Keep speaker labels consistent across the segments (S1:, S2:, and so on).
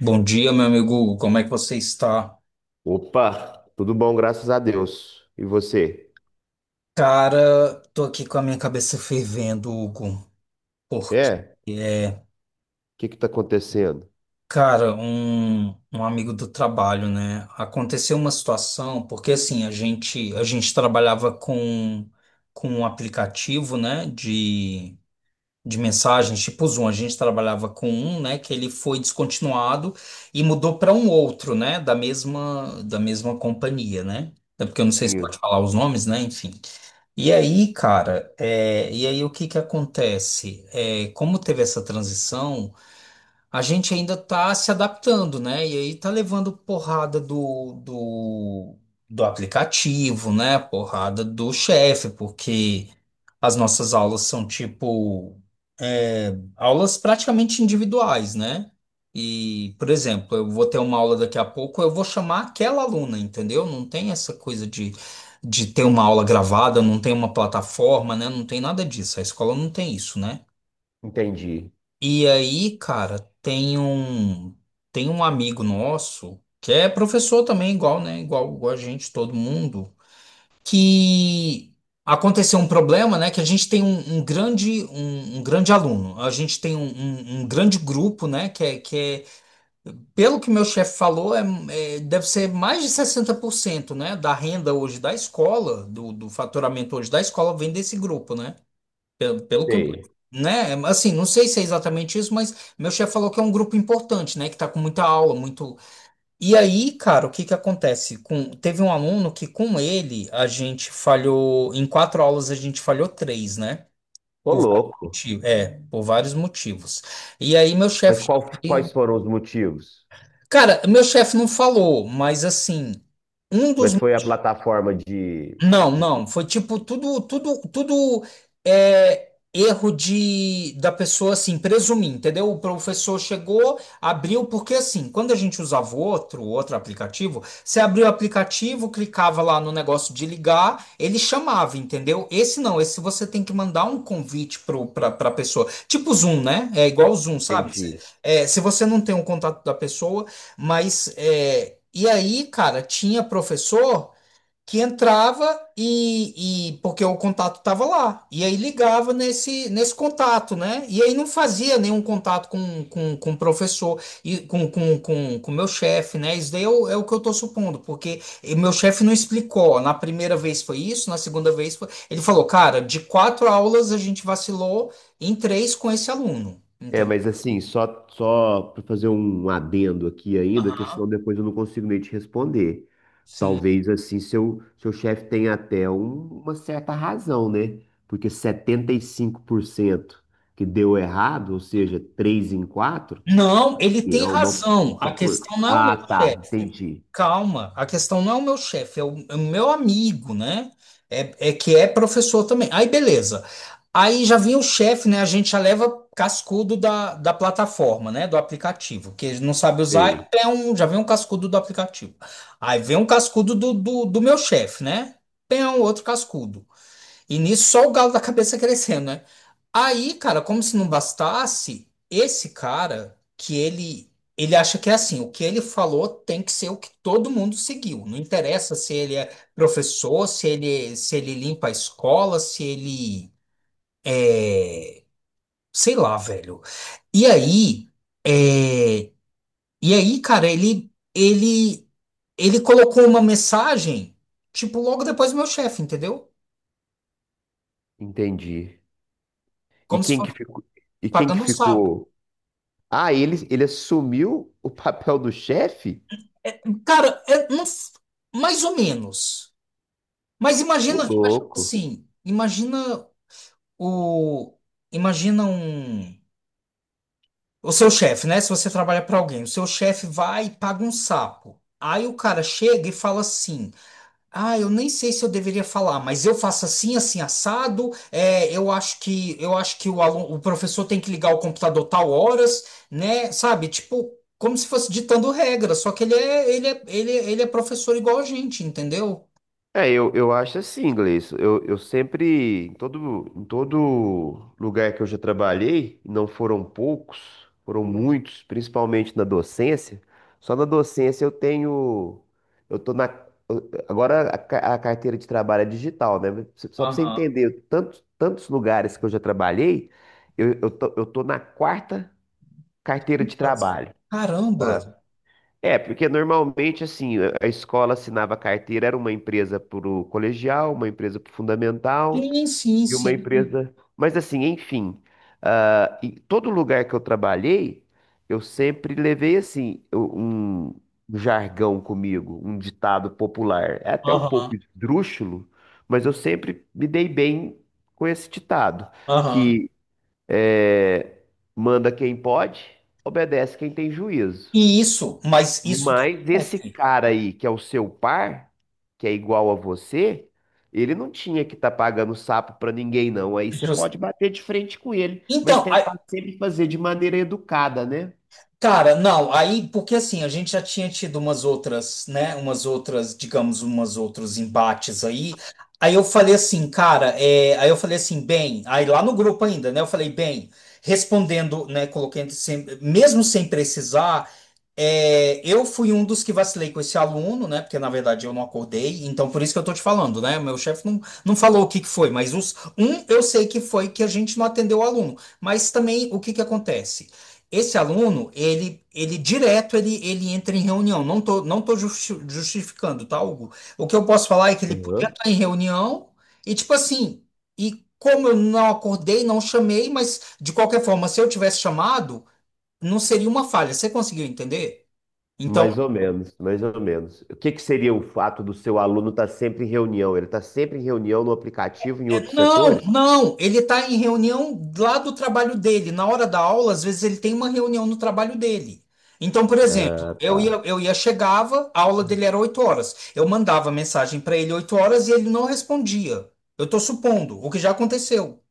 S1: Bom dia, meu amigo Hugo. Como é que você está?
S2: Opa, tudo bom, graças a Deus. E você?
S1: Cara, tô aqui com a minha cabeça fervendo, Hugo, porque
S2: É? O
S1: é,
S2: que que tá acontecendo?
S1: cara, um amigo do trabalho, né? Aconteceu uma situação, porque assim, a gente trabalhava com um aplicativo, né, de mensagens, tipo Zoom. A gente trabalhava com um, né, que ele foi descontinuado e mudou para um outro, né, da mesma companhia, né? É porque eu não sei se pode
S2: Sim,
S1: falar os nomes, né, enfim. E aí, cara, e aí o que que acontece? Como teve essa transição, a gente ainda está se adaptando, né? E aí tá levando porrada do aplicativo, né? Porrada do chefe, porque as nossas aulas são tipo aulas praticamente individuais, né? E, por exemplo, eu vou ter uma aula daqui a pouco, eu vou chamar aquela aluna, entendeu? Não tem essa coisa de ter uma aula gravada, não tem uma plataforma, né? Não tem nada disso. A escola não tem isso, né?
S2: entendi.
S1: E aí, cara, tem um amigo nosso que é professor também, igual, né? Igual, a gente, todo mundo, que aconteceu um problema, né? Que a gente tem um, um grande aluno. A gente tem um grande grupo, né? Que é, que É, pelo que meu chefe falou, deve ser mais de 60%, né? Da renda hoje da escola, do faturamento hoje da escola vem desse grupo, né? Pelo que eu,
S2: Sei.
S1: né? Assim, não sei se é exatamente isso, mas meu chefe falou que é um grupo importante, né? Que tá com muita aula, muito. E aí, cara, o que que acontece? Teve um aluno que com ele a gente falhou, em quatro aulas a gente falhou três, né?
S2: Ô,
S1: Por vários
S2: louco.
S1: motivos. Por vários motivos. E aí meu
S2: Mas
S1: chefe já
S2: quais
S1: veio.
S2: foram os motivos?
S1: Cara, meu chefe não falou, mas assim, um dos
S2: Mas foi a plataforma
S1: Não,
S2: de...
S1: não. Foi tipo tudo erro de da pessoa, assim, presumir, entendeu? O professor chegou, abriu, porque assim, quando a gente usava outro aplicativo, você abriu o aplicativo, clicava lá no negócio de ligar, ele chamava, entendeu? Esse não, esse você tem que mandar um convite pra pessoa. Tipo Zoom, né? É igual o Zoom, sabe?
S2: Entendi.
S1: Se você não tem o contato da pessoa, mas e aí, cara, tinha professor que entrava porque o contato estava lá. E aí ligava nesse contato, né? E aí não fazia nenhum contato com o professor e com o meu chefe, né? Isso daí é é o que eu estou supondo, porque e meu chefe não explicou. Na primeira vez foi isso, na segunda vez foi. Ele falou, cara, de quatro aulas a gente vacilou em três com esse aluno.
S2: É,
S1: Entendeu?
S2: mas assim, só para fazer um adendo aqui ainda, que
S1: Aham.
S2: senão depois eu não consigo nem te responder.
S1: Sim.
S2: Talvez assim seu chefe tenha até uma certa razão, né? Porque 75% que deu errado, ou seja, 3 em 4,
S1: Não, ele tem
S2: é
S1: razão.
S2: uma
S1: A questão não é o meu
S2: Ah, tá,
S1: chefe.
S2: entendi.
S1: Calma, a questão não é o meu chefe, é é o meu amigo, né? É, é que é professor também. Aí, beleza. Aí já vem o chefe, né? A gente já leva cascudo da plataforma, né? Do aplicativo, que ele não sabe usar.
S2: Sei,
S1: É um, já vem um cascudo do aplicativo. Aí vem um cascudo do meu chefe, né? Tem um outro cascudo. E nisso só o galo da cabeça crescendo, né? Aí, cara, como se não bastasse, esse cara que ele acha que é assim, o que ele falou tem que ser o que todo mundo seguiu. Não interessa se ele é professor, se ele se ele limpa a escola, se ele, sei lá, velho. E aí, é, e aí, cara, ele colocou uma mensagem, tipo, logo depois do meu chefe, entendeu?
S2: entendi. E
S1: Como se
S2: quem que
S1: fosse
S2: ficou? E quem que
S1: pagando um sapo.
S2: ficou? Ah, ele assumiu o papel do chefe?
S1: Cara, é, não, f- mais ou menos. Mas
S2: Ô,
S1: imagina, imagina
S2: louco.
S1: assim, imagina o, imagina o seu chefe, né? Se você trabalha para alguém, o seu chefe vai e paga um sapo. Aí o cara chega e fala assim: Ah, eu nem sei se eu deveria falar, mas eu faço assim, assim, assado. Eu acho que o aluno, o professor tem que ligar o computador tal horas, né? Sabe? Tipo, como se fosse ditando regra, só que ele é professor igual a gente, entendeu?
S2: É, eu acho assim, inglês. Eu sempre, em em todo lugar que eu já trabalhei, e não foram poucos, foram muitos, principalmente na docência. Só na docência eu tenho, eu tô na, agora a carteira de trabalho é digital, né? Só pra você entender, tantos lugares que eu já trabalhei, eu tô na quarta carteira de
S1: Mas,
S2: trabalho.
S1: caramba!
S2: É, porque normalmente, assim, a escola assinava carteira, era uma empresa para o colegial, uma empresa para o fundamental
S1: Sim, sim,
S2: e uma
S1: sim.
S2: empresa. Mas, assim, enfim, ah, em todo lugar que eu trabalhei, eu sempre levei, assim, um jargão comigo, um ditado popular. É até um
S1: Aham,
S2: pouco esdrúxulo, mas eu sempre me dei bem com esse ditado,
S1: aham.
S2: que é, manda quem pode, obedece quem tem juízo.
S1: E isso, mas isso do
S2: Mas esse
S1: chefe.
S2: cara aí, que é o seu par, que é igual a você, ele não tinha que estar pagando sapo pra ninguém, não. Aí você
S1: Jus-
S2: pode bater de frente com ele, mas
S1: Então,
S2: tentar sempre fazer de maneira educada, né?
S1: cara, não, aí, porque assim, a gente já tinha tido umas outras, né, umas outras, digamos, umas outros embates aí. Aí eu falei assim, cara, aí eu falei assim, bem, aí lá no grupo ainda, né, eu falei, bem, respondendo, né, coloquei entre sem- mesmo sem precisar. É, eu fui um dos que vacilei com esse aluno, né? Porque na verdade eu não acordei, então por isso que eu tô te falando, né? Meu chefe não falou o que que foi, mas os um eu sei que foi que a gente não atendeu o aluno. Mas também o que que acontece? Esse aluno, ele entra em reunião. Não tô justificando, tá, Hugo? O que eu posso falar é que ele podia
S2: Aham.
S1: estar em reunião e tipo assim, e como eu não acordei, não chamei, mas de qualquer forma, se eu tivesse chamado, não seria uma falha. Você conseguiu entender? Então,
S2: Mais ou menos, mais ou menos. O que que seria o fato do seu aluno estar sempre em reunião? Ele está sempre em reunião no aplicativo, em outros
S1: não,
S2: setores?
S1: não, ele está em reunião lá do trabalho dele. Na hora da aula, às vezes ele tem uma reunião no trabalho dele. Então, por exemplo,
S2: Ah, tá.
S1: eu ia chegava, a aula dele era 8 horas. Eu mandava mensagem para ele 8 horas e ele não respondia. Eu estou supondo, o que já aconteceu.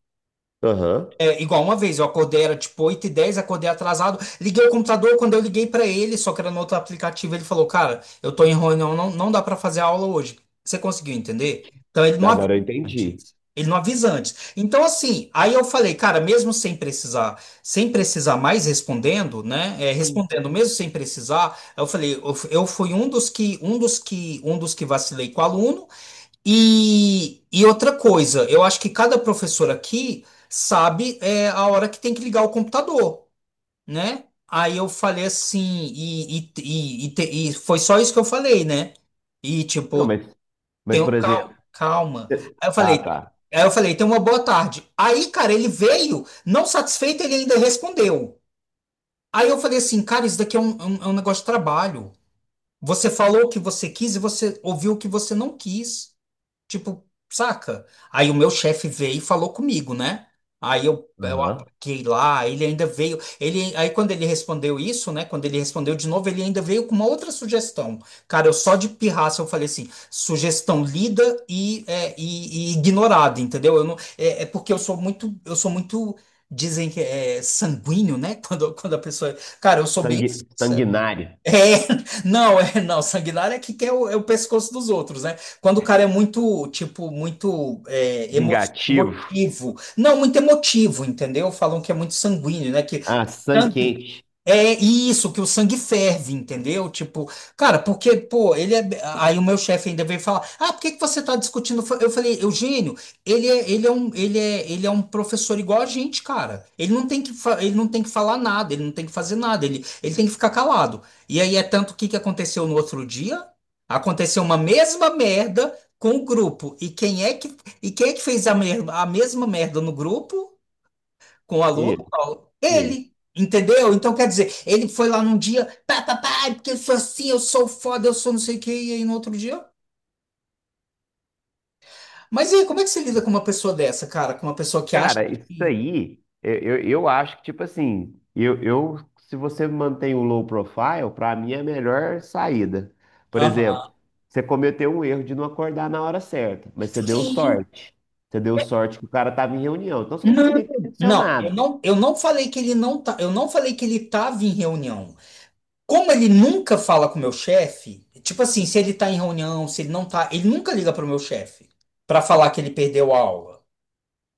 S2: Aham.
S1: É, igual uma vez, eu acordei, era tipo 8h10, acordei atrasado, liguei o computador, quando eu liguei pra ele, só que era no outro aplicativo, ele falou, cara, eu tô em reunião, não dá pra fazer aula hoje. Você conseguiu entender? Então ele não avisa
S2: Agora eu entendi.
S1: antes. Ele não avisa antes. Então assim, aí eu falei, cara, mesmo sem precisar, sem precisar mais respondendo, né? é,
S2: Sim.
S1: respondendo mesmo sem precisar, eu falei, eu fui um dos que vacilei com o aluno, e outra coisa, eu acho que cada professor aqui sabe a hora que tem que ligar o computador, né? Aí eu falei assim, e foi só isso que eu falei, né? E
S2: Não,
S1: tipo,
S2: mas
S1: tenho
S2: por
S1: calma,
S2: exemplo.
S1: calma. Aí eu
S2: Ah,
S1: falei,
S2: tá.
S1: tenha uma boa tarde. Aí, cara, ele veio, não satisfeito, ele ainda respondeu. Aí eu falei assim, cara, isso daqui é é um negócio de trabalho. Você falou o que você quis e você ouviu o que você não quis. Tipo, saca? Aí o meu chefe veio e falou comigo, né? Aí eu
S2: Aham.
S1: apaguei lá, ele ainda veio. Aí quando ele respondeu isso, né? Quando ele respondeu de novo, ele ainda veio com uma outra sugestão. Cara, eu só de pirraça eu falei assim: sugestão lida e ignorada, entendeu? Eu não, é, é porque eu sou muito, dizem que é sanguíneo, né? Quando, quando a pessoa. Cara, eu sou bem.
S2: Sanguinário.
S1: É, não, sanguinário é que quer é o pescoço dos outros, né? Quando o cara é muito, tipo, muito
S2: Vingativo.
S1: emotivo. Não, muito emotivo, entendeu? Falam que é muito sanguíneo, né? Que
S2: Ah, sangue
S1: sangue
S2: quente.
S1: é isso, que o sangue ferve, entendeu? Tipo, cara, porque, pô, ele é. Aí o meu chefe ainda veio falar: ah, por que que você tá discutindo? Eu falei, Eugênio, ele é um professor igual a gente, cara. Ele não tem que, ele não tem que falar nada, ele não tem que fazer nada, ele tem que ficar calado. E aí é tanto que aconteceu no outro dia? Aconteceu uma mesma merda com o grupo. E quem é que, fez a mesma merda no grupo? Com o aluno,
S2: Ele,
S1: qual?
S2: ele.
S1: Ele, entendeu? Então, quer dizer, ele foi lá num dia, pá, pá, pá, porque eu sou assim, eu sou foda, eu sou não sei o quê, e aí no outro dia. Mas e aí, como é que você lida com uma pessoa dessa, cara? Com uma pessoa que acha
S2: Cara, isso
S1: que.
S2: aí, eu acho que, tipo assim, eu, se você mantém o low profile, pra mim é a melhor saída. Por
S1: Aham.
S2: exemplo, você cometeu um erro de não acordar na hora certa, mas você deu
S1: Sim.
S2: sorte. Você deu sorte que o cara tava em reunião, então você não
S1: Não,
S2: devia nem ter
S1: não,
S2: mencionado.
S1: eu não falei que ele não tá, eu não falei que ele tava em reunião. Como ele nunca fala com o meu chefe, tipo assim, se ele tá em reunião, se ele não tá, ele nunca liga pro meu chefe pra falar que ele perdeu a aula.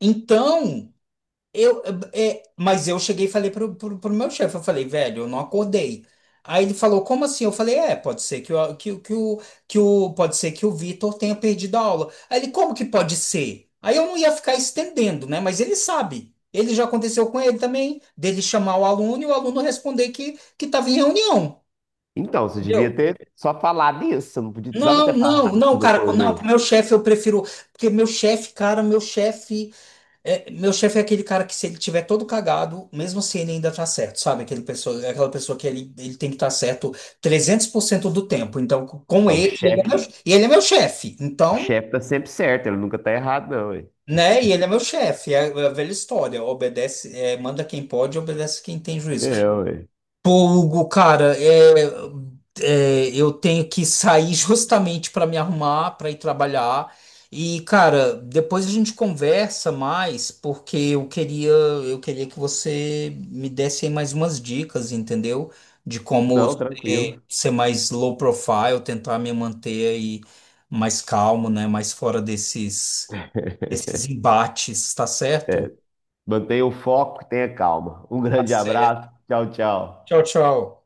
S1: Então, eu, é, mas eu cheguei e falei pro meu chefe, eu falei, velho, eu não acordei. Aí ele falou, como assim? Eu falei, é, pode ser que, o que, o- que, o, que o, pode ser que o Vitor tenha perdido a aula. Aí ele, como que pode ser? Aí eu não ia ficar estendendo, né? Mas ele sabe. Ele já aconteceu com ele também, dele chamar o aluno e o aluno responder que estava em reunião.
S2: Então, você devia
S1: Entendeu?
S2: ter só falado isso, você não precisava
S1: Não,
S2: ter
S1: não,
S2: falado que você
S1: não,
S2: não
S1: cara, não, com
S2: acordou.
S1: meu chefe eu prefiro, porque meu chefe, cara, meu chefe. É, meu chefe é aquele cara que se ele tiver todo cagado, mesmo assim ele ainda tá certo, sabe? Aquela pessoa que ele tem que estar certo 300% do tempo. Então, com
S2: Ah,
S1: ele, e ele é meu chefe.
S2: o
S1: Então,
S2: chefe tá sempre certo, ele nunca tá errado, não, ué.
S1: né? E ele é meu chefe. É é a velha história. Obedece, é, manda quem pode, obedece quem tem juízo.
S2: É, ué.
S1: Pô, Hugo, cara, eu tenho que sair justamente para me arrumar, para ir trabalhar. E, cara, depois a gente conversa mais, porque eu queria que você me desse aí mais umas dicas, entendeu? De como
S2: Não,
S1: ser,
S2: tranquilo.
S1: ser mais low profile, tentar me manter aí mais calmo, né? Mais fora desses, desses embates, tá certo?
S2: É, mantenha o foco, tenha calma. Um
S1: Tá
S2: grande
S1: certo.
S2: abraço. Tchau, tchau.
S1: Tchau, tchau.